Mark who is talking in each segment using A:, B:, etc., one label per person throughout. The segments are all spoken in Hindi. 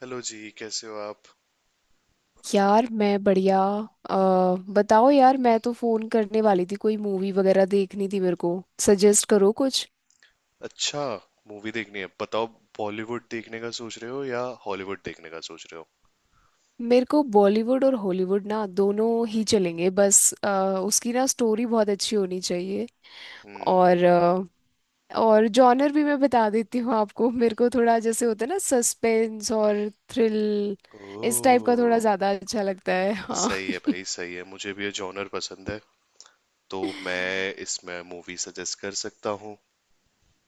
A: हेलो जी कैसे हो आप।
B: यार मैं बढ़िया। अ, बताओ यार, मैं तो फोन करने वाली थी। कोई मूवी वगैरह देखनी थी मेरे को। सजेस्ट करो कुछ।
A: अच्छा। मूवी देखनी है बताओ। बॉलीवुड देखने का सोच रहे हो या हॉलीवुड देखने का सोच रहे हो।
B: मेरे को बॉलीवुड और हॉलीवुड ना दोनों ही चलेंगे, बस उसकी ना स्टोरी बहुत अच्छी होनी चाहिए।
A: हम्म।
B: और अ, और जॉनर भी मैं बता देती हूँ आपको। मेरे को थोड़ा, जैसे होता है ना, सस्पेंस और थ्रिल इस टाइप का थोड़ा
A: ओह।
B: ज़्यादा अच्छा लगता है। हाँ।
A: सही है भाई सही है, मुझे भी ये जॉनर पसंद है तो मैं इसमें मूवी सजेस्ट कर सकता हूँ।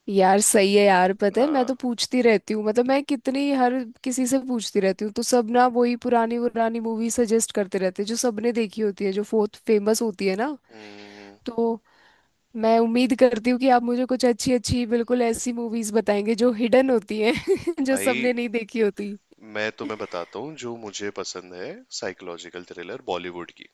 B: यार सही है यार, पता है मैं
A: हाँ।
B: तो पूछती रहती हूँ। मतलब मैं कितनी, हर किसी से पूछती रहती हूँ, तो सब ना वही पुरानी पुरानी मूवी सजेस्ट करते रहते हैं जो सबने देखी होती है, जो बहुत फेमस होती है ना।
A: हम्म,
B: तो मैं उम्मीद करती हूँ कि आप मुझे कुछ अच्छी अच्छी, बिल्कुल ऐसी मूवीज बताएंगे जो हिडन होती हैं। जो
A: भाई
B: सबने नहीं देखी होती।
A: मैं तुम्हें बताता हूँ जो मुझे पसंद है। साइकोलॉजिकल थ्रिलर बॉलीवुड की।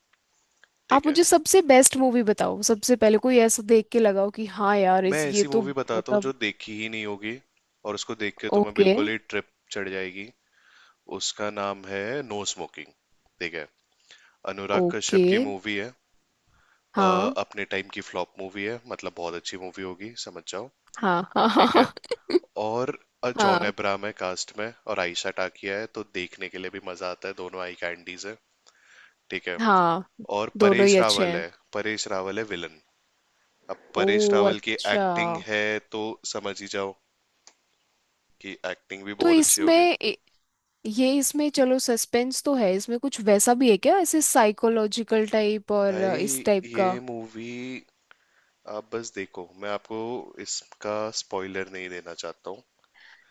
A: ठीक
B: आप
A: है।
B: मुझे सबसे बेस्ट मूवी बताओ सबसे पहले, कोई ऐसा देख के लगाओ कि हाँ यार,
A: मैं
B: इस ये
A: ऐसी
B: तो
A: मूवी बताता हूँ जो
B: मतलब।
A: देखी ही नहीं होगी, और उसको देख के तुम्हें
B: ओके।
A: बिल्कुल ही ट्रिप चढ़ जाएगी। उसका नाम है नो स्मोकिंग। ठीक है। अनुराग कश्यप
B: ओके।
A: की मूवी है। अ,
B: हाँ
A: अपने टाइम की फ्लॉप मूवी है, मतलब बहुत अच्छी मूवी होगी समझ जाओ।
B: हाँ हाँ हाँ।
A: ठीक
B: हाँ।
A: है। और जॉन
B: हाँ।
A: अब्राहम है कास्ट में और आयशा टाकिया है, तो देखने के लिए भी मजा आता है, दोनों आई कैंडीज है। ठीक है।
B: हाँ।
A: और
B: दोनों
A: परेश
B: ही अच्छे
A: रावल
B: हैं।
A: है। परेश रावल है विलन। अब
B: ओ
A: परेश रावल की
B: अच्छा।
A: एक्टिंग है तो समझ ही जाओ कि एक्टिंग भी
B: तो
A: बहुत अच्छी
B: इसमें
A: होगी।
B: ए- ये इसमें, चलो सस्पेंस तो है, इसमें कुछ वैसा भी है क्या, ऐसे साइकोलॉजिकल टाइप और
A: भाई
B: इस टाइप का।
A: ये मूवी आप बस देखो, मैं आपको इसका स्पॉइलर नहीं देना चाहता हूँ,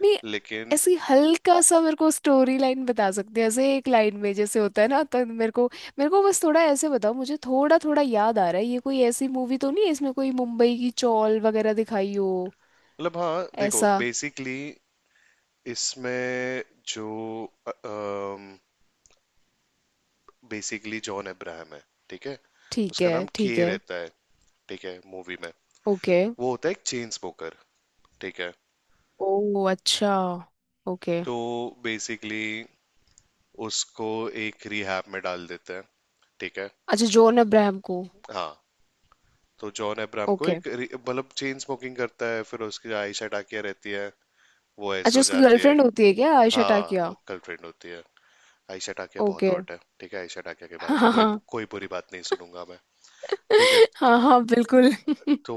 B: नहीं,
A: लेकिन
B: ऐसी हल्का सा मेरे को स्टोरी लाइन बता सकते हैं, ऐसे एक लाइन में जैसे होता है ना, तो मेरे को बस थोड़ा ऐसे बताओ। मुझे थोड़ा थोड़ा याद आ रहा है, ये कोई ऐसी मूवी तो नहीं है इसमें कोई मुंबई की चौल वगैरह दिखाई हो
A: मतलब हाँ देखो,
B: ऐसा?
A: बेसिकली इसमें जो बेसिकली जॉन अब्राहम है। ठीक है।
B: ठीक
A: उसका
B: है
A: नाम के
B: ठीक है।
A: रहता है। ठीक है मूवी में।
B: ओके।
A: वो होता है एक चेन स्मोकर। ठीक है।
B: ओ अच्छा। ओके।
A: तो बेसिकली उसको एक रिहैब में डाल देते हैं। ठीक है।
B: अच्छा, जॉन अब्राहम को।
A: हाँ। तो जॉन अब्राहम को
B: ओके।
A: एक मतलब चेन स्मोकिंग करता है, फिर उसकी आयशा टाकिया रहती है। वो ऐसे
B: अच्छा,
A: हो
B: उसकी
A: जाती है।
B: गर्लफ्रेंड होती है क्या आयशा टाकिया?
A: हाँ कल ट्रेंड होती है। आयशा टाकिया बहुत
B: ओके।
A: हॉट है, ठीक है, आयशा टाकिया के बारे में
B: हाँ
A: कोई
B: हाँ।
A: कोई बुरी बात नहीं सुनूंगा मैं। ठीक है।
B: हाँ हाँ, बिल्कुल।
A: तो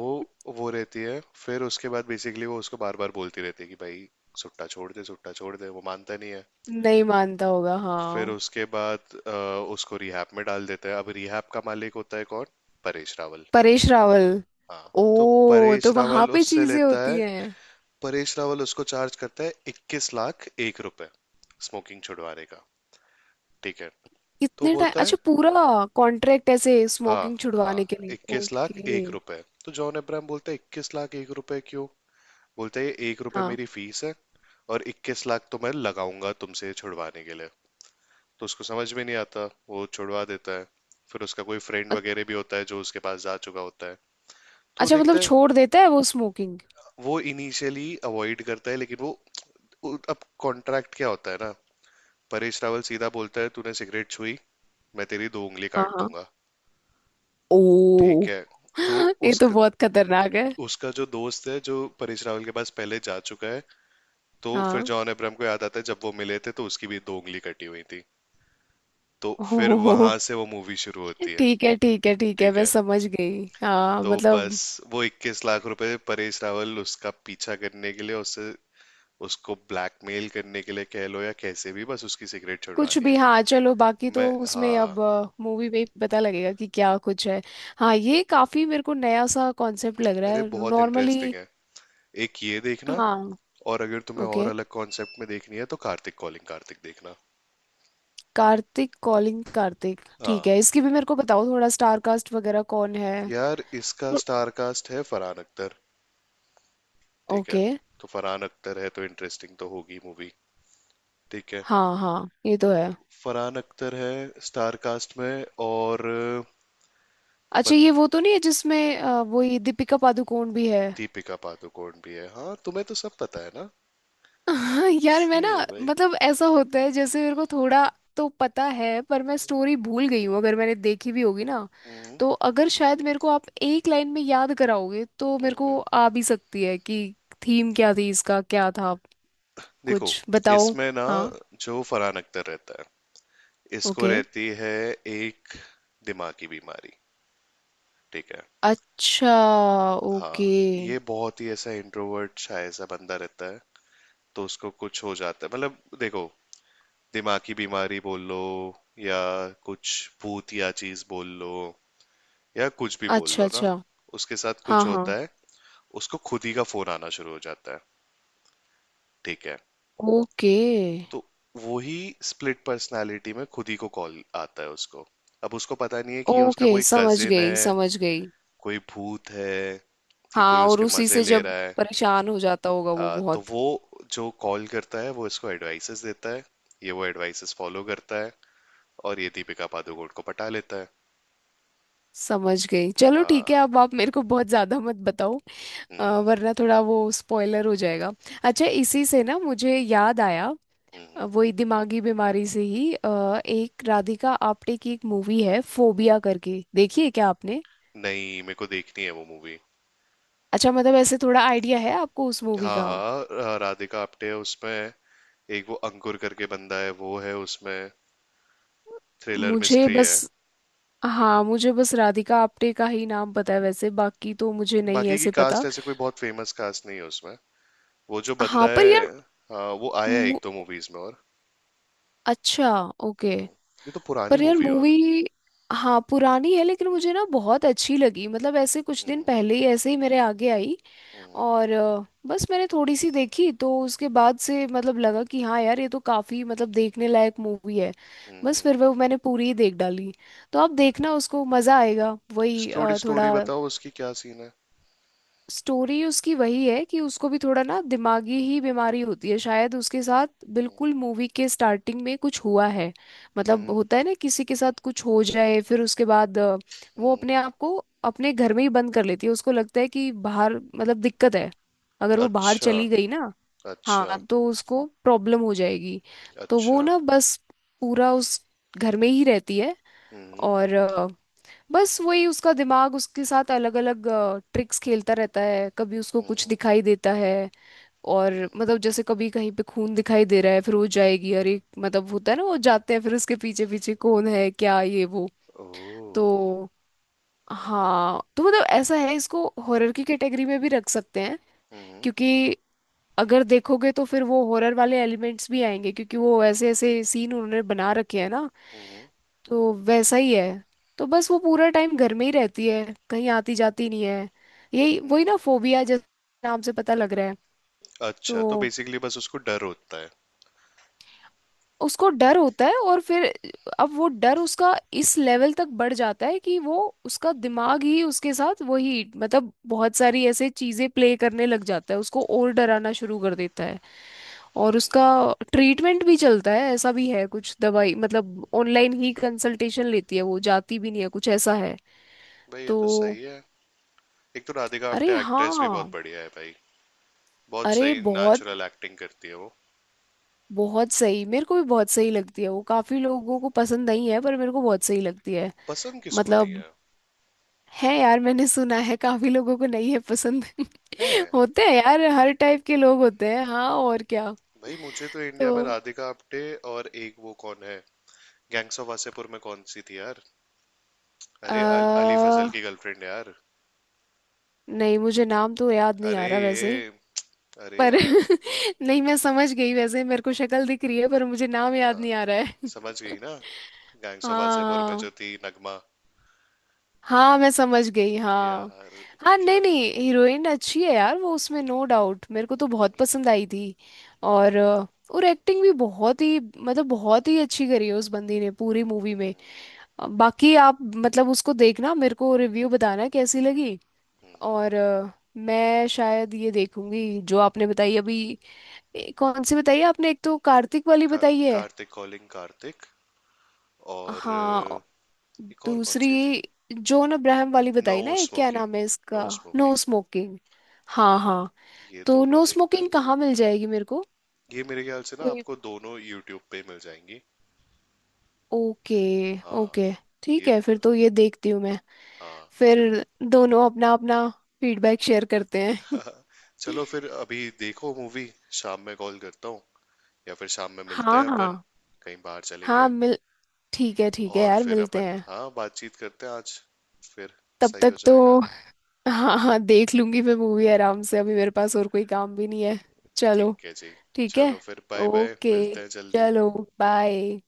A: वो रहती है फिर उसके बाद बेसिकली वो उसको बार बार बोलती रहती है कि भाई सुट्टा छोड़ दे, सुट्टा छोड़ दे, वो मानता नहीं है।
B: नहीं मानता होगा,
A: फिर
B: हाँ।
A: उसके बाद अ, उसको रिहैब में डाल देते हैं। अब रिहैब का मालिक होता है कौन। परेश रावल।
B: परेश रावल।
A: हाँ। तो
B: ओ,
A: परेश
B: तो वहां
A: रावल
B: पे
A: उससे
B: चीजें
A: लेता है।
B: होती हैं।
A: परेश रावल उसको चार्ज करता है 21 लाख 1 रुपए स्मोकिंग छुड़वाने का। ठीक है। तो
B: कितने टाइम?
A: बोलता है।
B: अच्छा, पूरा कॉन्ट्रैक्ट ऐसे
A: हाँ
B: स्मोकिंग छुड़वाने
A: हाँ,
B: के लिए।
A: इक्कीस लाख
B: ओके।
A: एक रुपए तो जॉन अब्राहम बोलता है 21 लाख 1 रुपए क्यों। बोलता है ये 1 रुपए
B: हाँ।
A: मेरी फीस है, और 21 लाख तो मैं लगाऊंगा तुमसे छुड़वाने के लिए। तो उसको समझ में नहीं आता, वो छुड़वा देता है। फिर उसका कोई फ्रेंड
B: अ-
A: वगैरह भी होता है जो उसके पास जा चुका होता है। तो वो
B: अच्छा,
A: देखता
B: मतलब
A: है।
B: छोड़ देता है वो स्मोकिंग।
A: वो इनिशियली अवॉइड करता है, लेकिन वो अब कॉन्ट्रैक्ट क्या होता है ना। परेश रावल सीधा बोलता है, तूने सिगरेट छुई मैं तेरी दो उंगली
B: हाँ
A: काट
B: हाँ।
A: दूंगा।
B: ओ।
A: ठीक है। तो
B: ये तो
A: उसका
B: बहुत खतरनाक है।
A: उसका जो दोस्त है जो परेश रावल के पास पहले जा चुका है। तो फिर
B: हाँ।
A: जॉन अब्राहम को याद आता है, जब वो मिले थे तो उसकी भी दो उंगली कटी हुई थी। तो फिर
B: ओ।
A: वहां से वो मूवी शुरू होती है।
B: ठीक है ठीक है ठीक है,
A: ठीक
B: मैं
A: है।
B: समझ गई। हाँ
A: तो
B: मतलब
A: बस वो 21 लाख रुपए परेश रावल उसका पीछा करने के लिए उससे, उसको ब्लैकमेल करने के लिए कह लो या कैसे भी, बस उसकी सिगरेट
B: कुछ
A: छुड़वानी
B: भी।
A: है।
B: हाँ चलो, बाकी तो
A: मैं
B: उसमें
A: हाँ।
B: अब मूवी में ही पता लगेगा कि क्या कुछ है। हाँ, ये काफी मेरे को नया सा कॉन्सेप्ट लग रहा
A: अरे
B: है
A: बहुत
B: नॉर्मली।
A: इंटरेस्टिंग है। एक ये देखना,
B: हाँ।
A: और अगर तुम्हें और
B: ओके।
A: अलग कॉन्सेप्ट में देखनी है तो कार्तिक कॉलिंग कार्तिक देखना।
B: कार्तिक कॉलिंग कार्तिक, ठीक
A: हाँ
B: है। इसकी भी मेरे को बताओ थोड़ा, स्टार कास्ट वगैरह कौन है?
A: यार, इसका स्टार कास्ट है फरहान अख्तर। ठीक है।
B: ओके।
A: तो फरहान अख्तर है तो इंटरेस्टिंग तो होगी मूवी। ठीक है।
B: हाँ हाँ, ये तो है।
A: फरहान अख्तर है स्टार कास्ट में, और
B: अच्छा,
A: बन
B: ये वो तो नहीं है जिसमें वो, ये दीपिका पादुकोण भी है?
A: दीपिका पादुकोण भी है। हाँ तुम्हें तो सब पता है ना।
B: हाँ यार, मैं ना,
A: सही है भाई।
B: मतलब ऐसा होता है जैसे, मेरे को थोड़ा तो पता है पर मैं स्टोरी भूल गई हूँ, अगर मैंने देखी भी होगी ना।
A: हम्म।
B: तो अगर शायद मेरे को आप एक लाइन में याद कराओगे तो मेरे को
A: हम्म।
B: आ भी सकती है कि थीम क्या थी, इसका क्या था।
A: देखो
B: कुछ बताओ।
A: इसमें ना
B: हाँ।
A: जो फरहान अख्तर रहता है, इसको
B: ओके।
A: रहती है एक दिमागी बीमारी। ठीक है।
B: अच्छा। ओके।
A: हाँ, ये बहुत ही ऐसा इंट्रोवर्ट शाय सा बंदा रहता है। तो उसको कुछ हो जाता है, मतलब देखो, दिमागी बीमारी बोल लो, या कुछ भूत या चीज बोल लो, या कुछ भी बोल
B: अच्छा
A: लो ना।
B: अच्छा।
A: उसके साथ
B: हाँ
A: कुछ
B: हाँ।
A: होता है। उसको खुद ही का फोन आना शुरू हो जाता है। ठीक है।
B: ओके,
A: तो वही स्प्लिट पर्सनालिटी में खुद ही को कॉल आता है उसको। अब उसको पता नहीं है कि ये उसका
B: ओके
A: कोई
B: समझ
A: कजिन
B: गई
A: है,
B: समझ गई।
A: कोई भूत है, कि कोई
B: हाँ, और
A: उसके
B: उसी
A: मजे
B: से
A: ले
B: जब
A: रहा है।
B: परेशान हो जाता होगा वो
A: हाँ। तो
B: बहुत।
A: वो जो कॉल करता है वो इसको एडवाइसेस देता है। ये वो एडवाइसेस फॉलो करता है, और ये दीपिका पादुकोण को पटा लेता है।
B: समझ गई, चलो ठीक है।
A: हाँ।
B: अब आप मेरे को बहुत ज़्यादा मत बताओ,
A: हम्म।
B: वरना थोड़ा वो स्पॉइलर हो जाएगा। अच्छा, इसी से ना मुझे याद आया,
A: हम्म।
B: वही दिमागी बीमारी से ही, एक राधिका आप्टे की एक मूवी है,
A: हम्म।
B: फोबिया करके, देखिए क्या आपने?
A: नहीं मेरे को देखनी है वो मूवी।
B: अच्छा, मतलब ऐसे थोड़ा आइडिया है आपको उस मूवी का।
A: हाँ हाँ, राधिका आप्टे है उसमें। एक वो अंकुर करके बंदा है, वो है उसमें। थ्रिलर
B: मुझे
A: मिस्ट्री है।
B: बस हाँ, मुझे बस राधिका आप्टे का ही नाम पता है वैसे, बाकी तो मुझे नहीं
A: बाकी की
B: ऐसे
A: कास्ट
B: पता।
A: ऐसे कोई बहुत फेमस कास्ट नहीं है उसमें। वो जो
B: हाँ
A: बंदा
B: पर यार,
A: है। हाँ वो आया है एक
B: मु-
A: दो मूवीज में और।
B: अच्छा। ओके।
A: ये तो पुरानी
B: पर यार
A: मूवी है
B: मूवी,
A: और।
B: हाँ पुरानी है, लेकिन मुझे ना बहुत अच्छी लगी। मतलब ऐसे कुछ दिन
A: हम्म।
B: पहले ही, ऐसे ही मेरे आगे आई,
A: हम्म।
B: और बस मैंने थोड़ी सी देखी, तो उसके बाद से मतलब लगा कि हाँ यार, ये तो काफ़ी मतलब देखने लायक मूवी है।
A: हम्म।
B: बस फिर
A: हम्म।
B: वो मैंने पूरी ही देख डाली। तो आप देखना उसको, मज़ा आएगा। वही
A: थोड़ी स्टोरी
B: थोड़ा
A: बताओ उसकी क्या सीन है।
B: स्टोरी उसकी वही है कि उसको भी थोड़ा ना दिमागी ही बीमारी होती है शायद। उसके साथ बिल्कुल मूवी के स्टार्टिंग में कुछ हुआ है। मतलब
A: हम्म।
B: होता है ना, किसी के साथ कुछ हो जाए, फिर उसके बाद वो
A: हम्म।
B: अपने आप को, अपने घर में ही बंद कर लेती है। उसको लगता है कि बाहर मतलब दिक्कत है, अगर वो बाहर
A: अच्छा
B: चली गई ना,
A: अच्छा
B: हाँ, तो उसको प्रॉब्लम हो जाएगी। तो वो
A: अच्छा।
B: ना बस पूरा उस घर में ही रहती है।
A: हम्म।
B: और बस वही उसका दिमाग उसके साथ अलग अलग ट्रिक्स खेलता रहता है। कभी उसको कुछ
A: हम्म।
B: दिखाई देता है, और मतलब जैसे कभी कहीं पे खून दिखाई दे रहा है, फिर वो जाएगी अरे मतलब, होता है ना, वो जाते हैं फिर उसके पीछे पीछे कौन है क्या ये वो।
A: ओह।
B: तो
A: हम्म।
B: हाँ, तो मतलब ऐसा है, इसको हॉरर की कैटेगरी में भी रख सकते हैं,
A: हम्म।
B: क्योंकि अगर देखोगे तो फिर वो हॉरर वाले एलिमेंट्स भी आएंगे, क्योंकि वो ऐसे ऐसे सीन उन्होंने बना रखे हैं ना,
A: हम्म।
B: तो वैसा ही है। तो बस वो पूरा टाइम घर में ही रहती है, कहीं आती जाती नहीं है। यही, वही
A: हम्म।
B: ना फोबिया, जैसे नाम से पता लग रहा है।
A: अच्छा तो
B: तो
A: बेसिकली बस उसको डर होता है।
B: उसको डर होता है, और फिर अब वो डर उसका इस लेवल तक बढ़ जाता है कि वो, उसका दिमाग ही उसके साथ वही मतलब बहुत सारी ऐसे चीजें प्ले करने लग जाता है, उसको और डराना शुरू कर देता है। और उसका ट्रीटमेंट भी चलता है, ऐसा भी है कुछ दवाई, मतलब ऑनलाइन ही कंसल्टेशन लेती है, वो जाती भी नहीं है, कुछ ऐसा है
A: भाई ये तो
B: तो।
A: सही है। एक तो राधिका
B: अरे
A: आप्टे एक्ट्रेस भी बहुत
B: हाँ।
A: बढ़िया है भाई। बहुत
B: अरे
A: सही
B: बहुत,
A: नेचुरल एक्टिंग करती है वो।
B: बहुत सही। मेरे को भी बहुत सही लगती है वो, काफी लोगों को पसंद नहीं है पर मेरे को बहुत सही लगती है।
A: पसंद किसको नहीं
B: मतलब
A: है।
B: है यार, मैंने सुना है काफी लोगों को नहीं है पसंद।
A: है
B: होते हैं यार, हर टाइप के लोग होते हैं। हाँ, और क्या।
A: भाई, मुझे तो
B: तो
A: इंडिया में राधिका आप्टे और एक वो कौन है, गैंग्स ऑफ वासेपुर में कौन सी थी यार। अरे अली
B: आ,
A: फजल की गर्लफ्रेंड यार।
B: नहीं, मुझे नाम तो याद नहीं
A: अरे
B: आ रहा वैसे।
A: ये, अरे
B: पर
A: यार।
B: नहीं, मैं समझ गई वैसे, मेरे को शक्ल दिख रही है पर मुझे नाम याद
A: हाँ।
B: नहीं आ रहा है।
A: समझ गई ना। गैंग्स ऑफ वासेपुर में
B: हाँ।
A: जो थी नगमा
B: हाँ, मैं समझ गई। हाँ।
A: यार।
B: हाँ
A: क्या।
B: नहीं नहीं, हीरोइन अच्छी है यार वो उसमें, नो डाउट, मेरे को तो बहुत पसंद आई थी। और एक्टिंग भी बहुत ही, मतलब बहुत ही अच्छी करी है उस बंदी ने पूरी मूवी में। बाकी आप मतलब उसको देखना, मेरे को रिव्यू बताना कैसी लगी। और मैं शायद ये देखूंगी जो आपने बताई अभी। कौन सी बताई है आपने? एक तो कार्तिक वाली
A: का,
B: बताई है।
A: कार्तिक कॉलिंग कार्तिक। और
B: हाँ,
A: एक और कौन
B: दूसरी
A: सी थी।
B: जॉन अब्राहम वाली
A: नो
B: बताई ना, एक क्या
A: स्मोकिंग।
B: नाम है इसका?
A: No
B: no
A: smoking.
B: स्मोकिंग। हाँ हाँ।
A: ये
B: तो
A: दोनों
B: नो
A: देखते हैं।
B: स्मोकिंग कहाँ मिल जाएगी मेरे को?
A: ये मेरे ख्याल से ना
B: कोई।
A: आपको दोनों यूट्यूब पे मिल जाएंगी।
B: ओके।
A: हाँ।
B: ओके। ठीक
A: ये।
B: है, फिर तो ये देखती हूँ मैं।
A: हाँ।
B: फिर
A: ये।
B: दोनों अपना अपना फीडबैक शेयर करते हैं।
A: हाँ, चलो फिर अभी देखो मूवी। शाम में कॉल करता हूँ, या फिर शाम में मिलते
B: हाँ
A: हैं अपन,
B: हाँ।
A: कहीं बाहर
B: हाँ
A: चलेंगे।
B: मिल ठीक है
A: और
B: यार,
A: फिर
B: मिलते
A: अपन
B: हैं।
A: हाँ बातचीत करते हैं आज, फिर
B: तब
A: सही हो
B: तक
A: जाएगा।
B: तो हाँ हाँ, देख लूंगी मैं मूवी आराम से, अभी मेरे पास और कोई काम भी नहीं है। चलो
A: ठीक है जी।
B: ठीक है।
A: चलो फिर बाय बाय,
B: ओके।
A: मिलते हैं जल्दी।
B: चलो। बाय।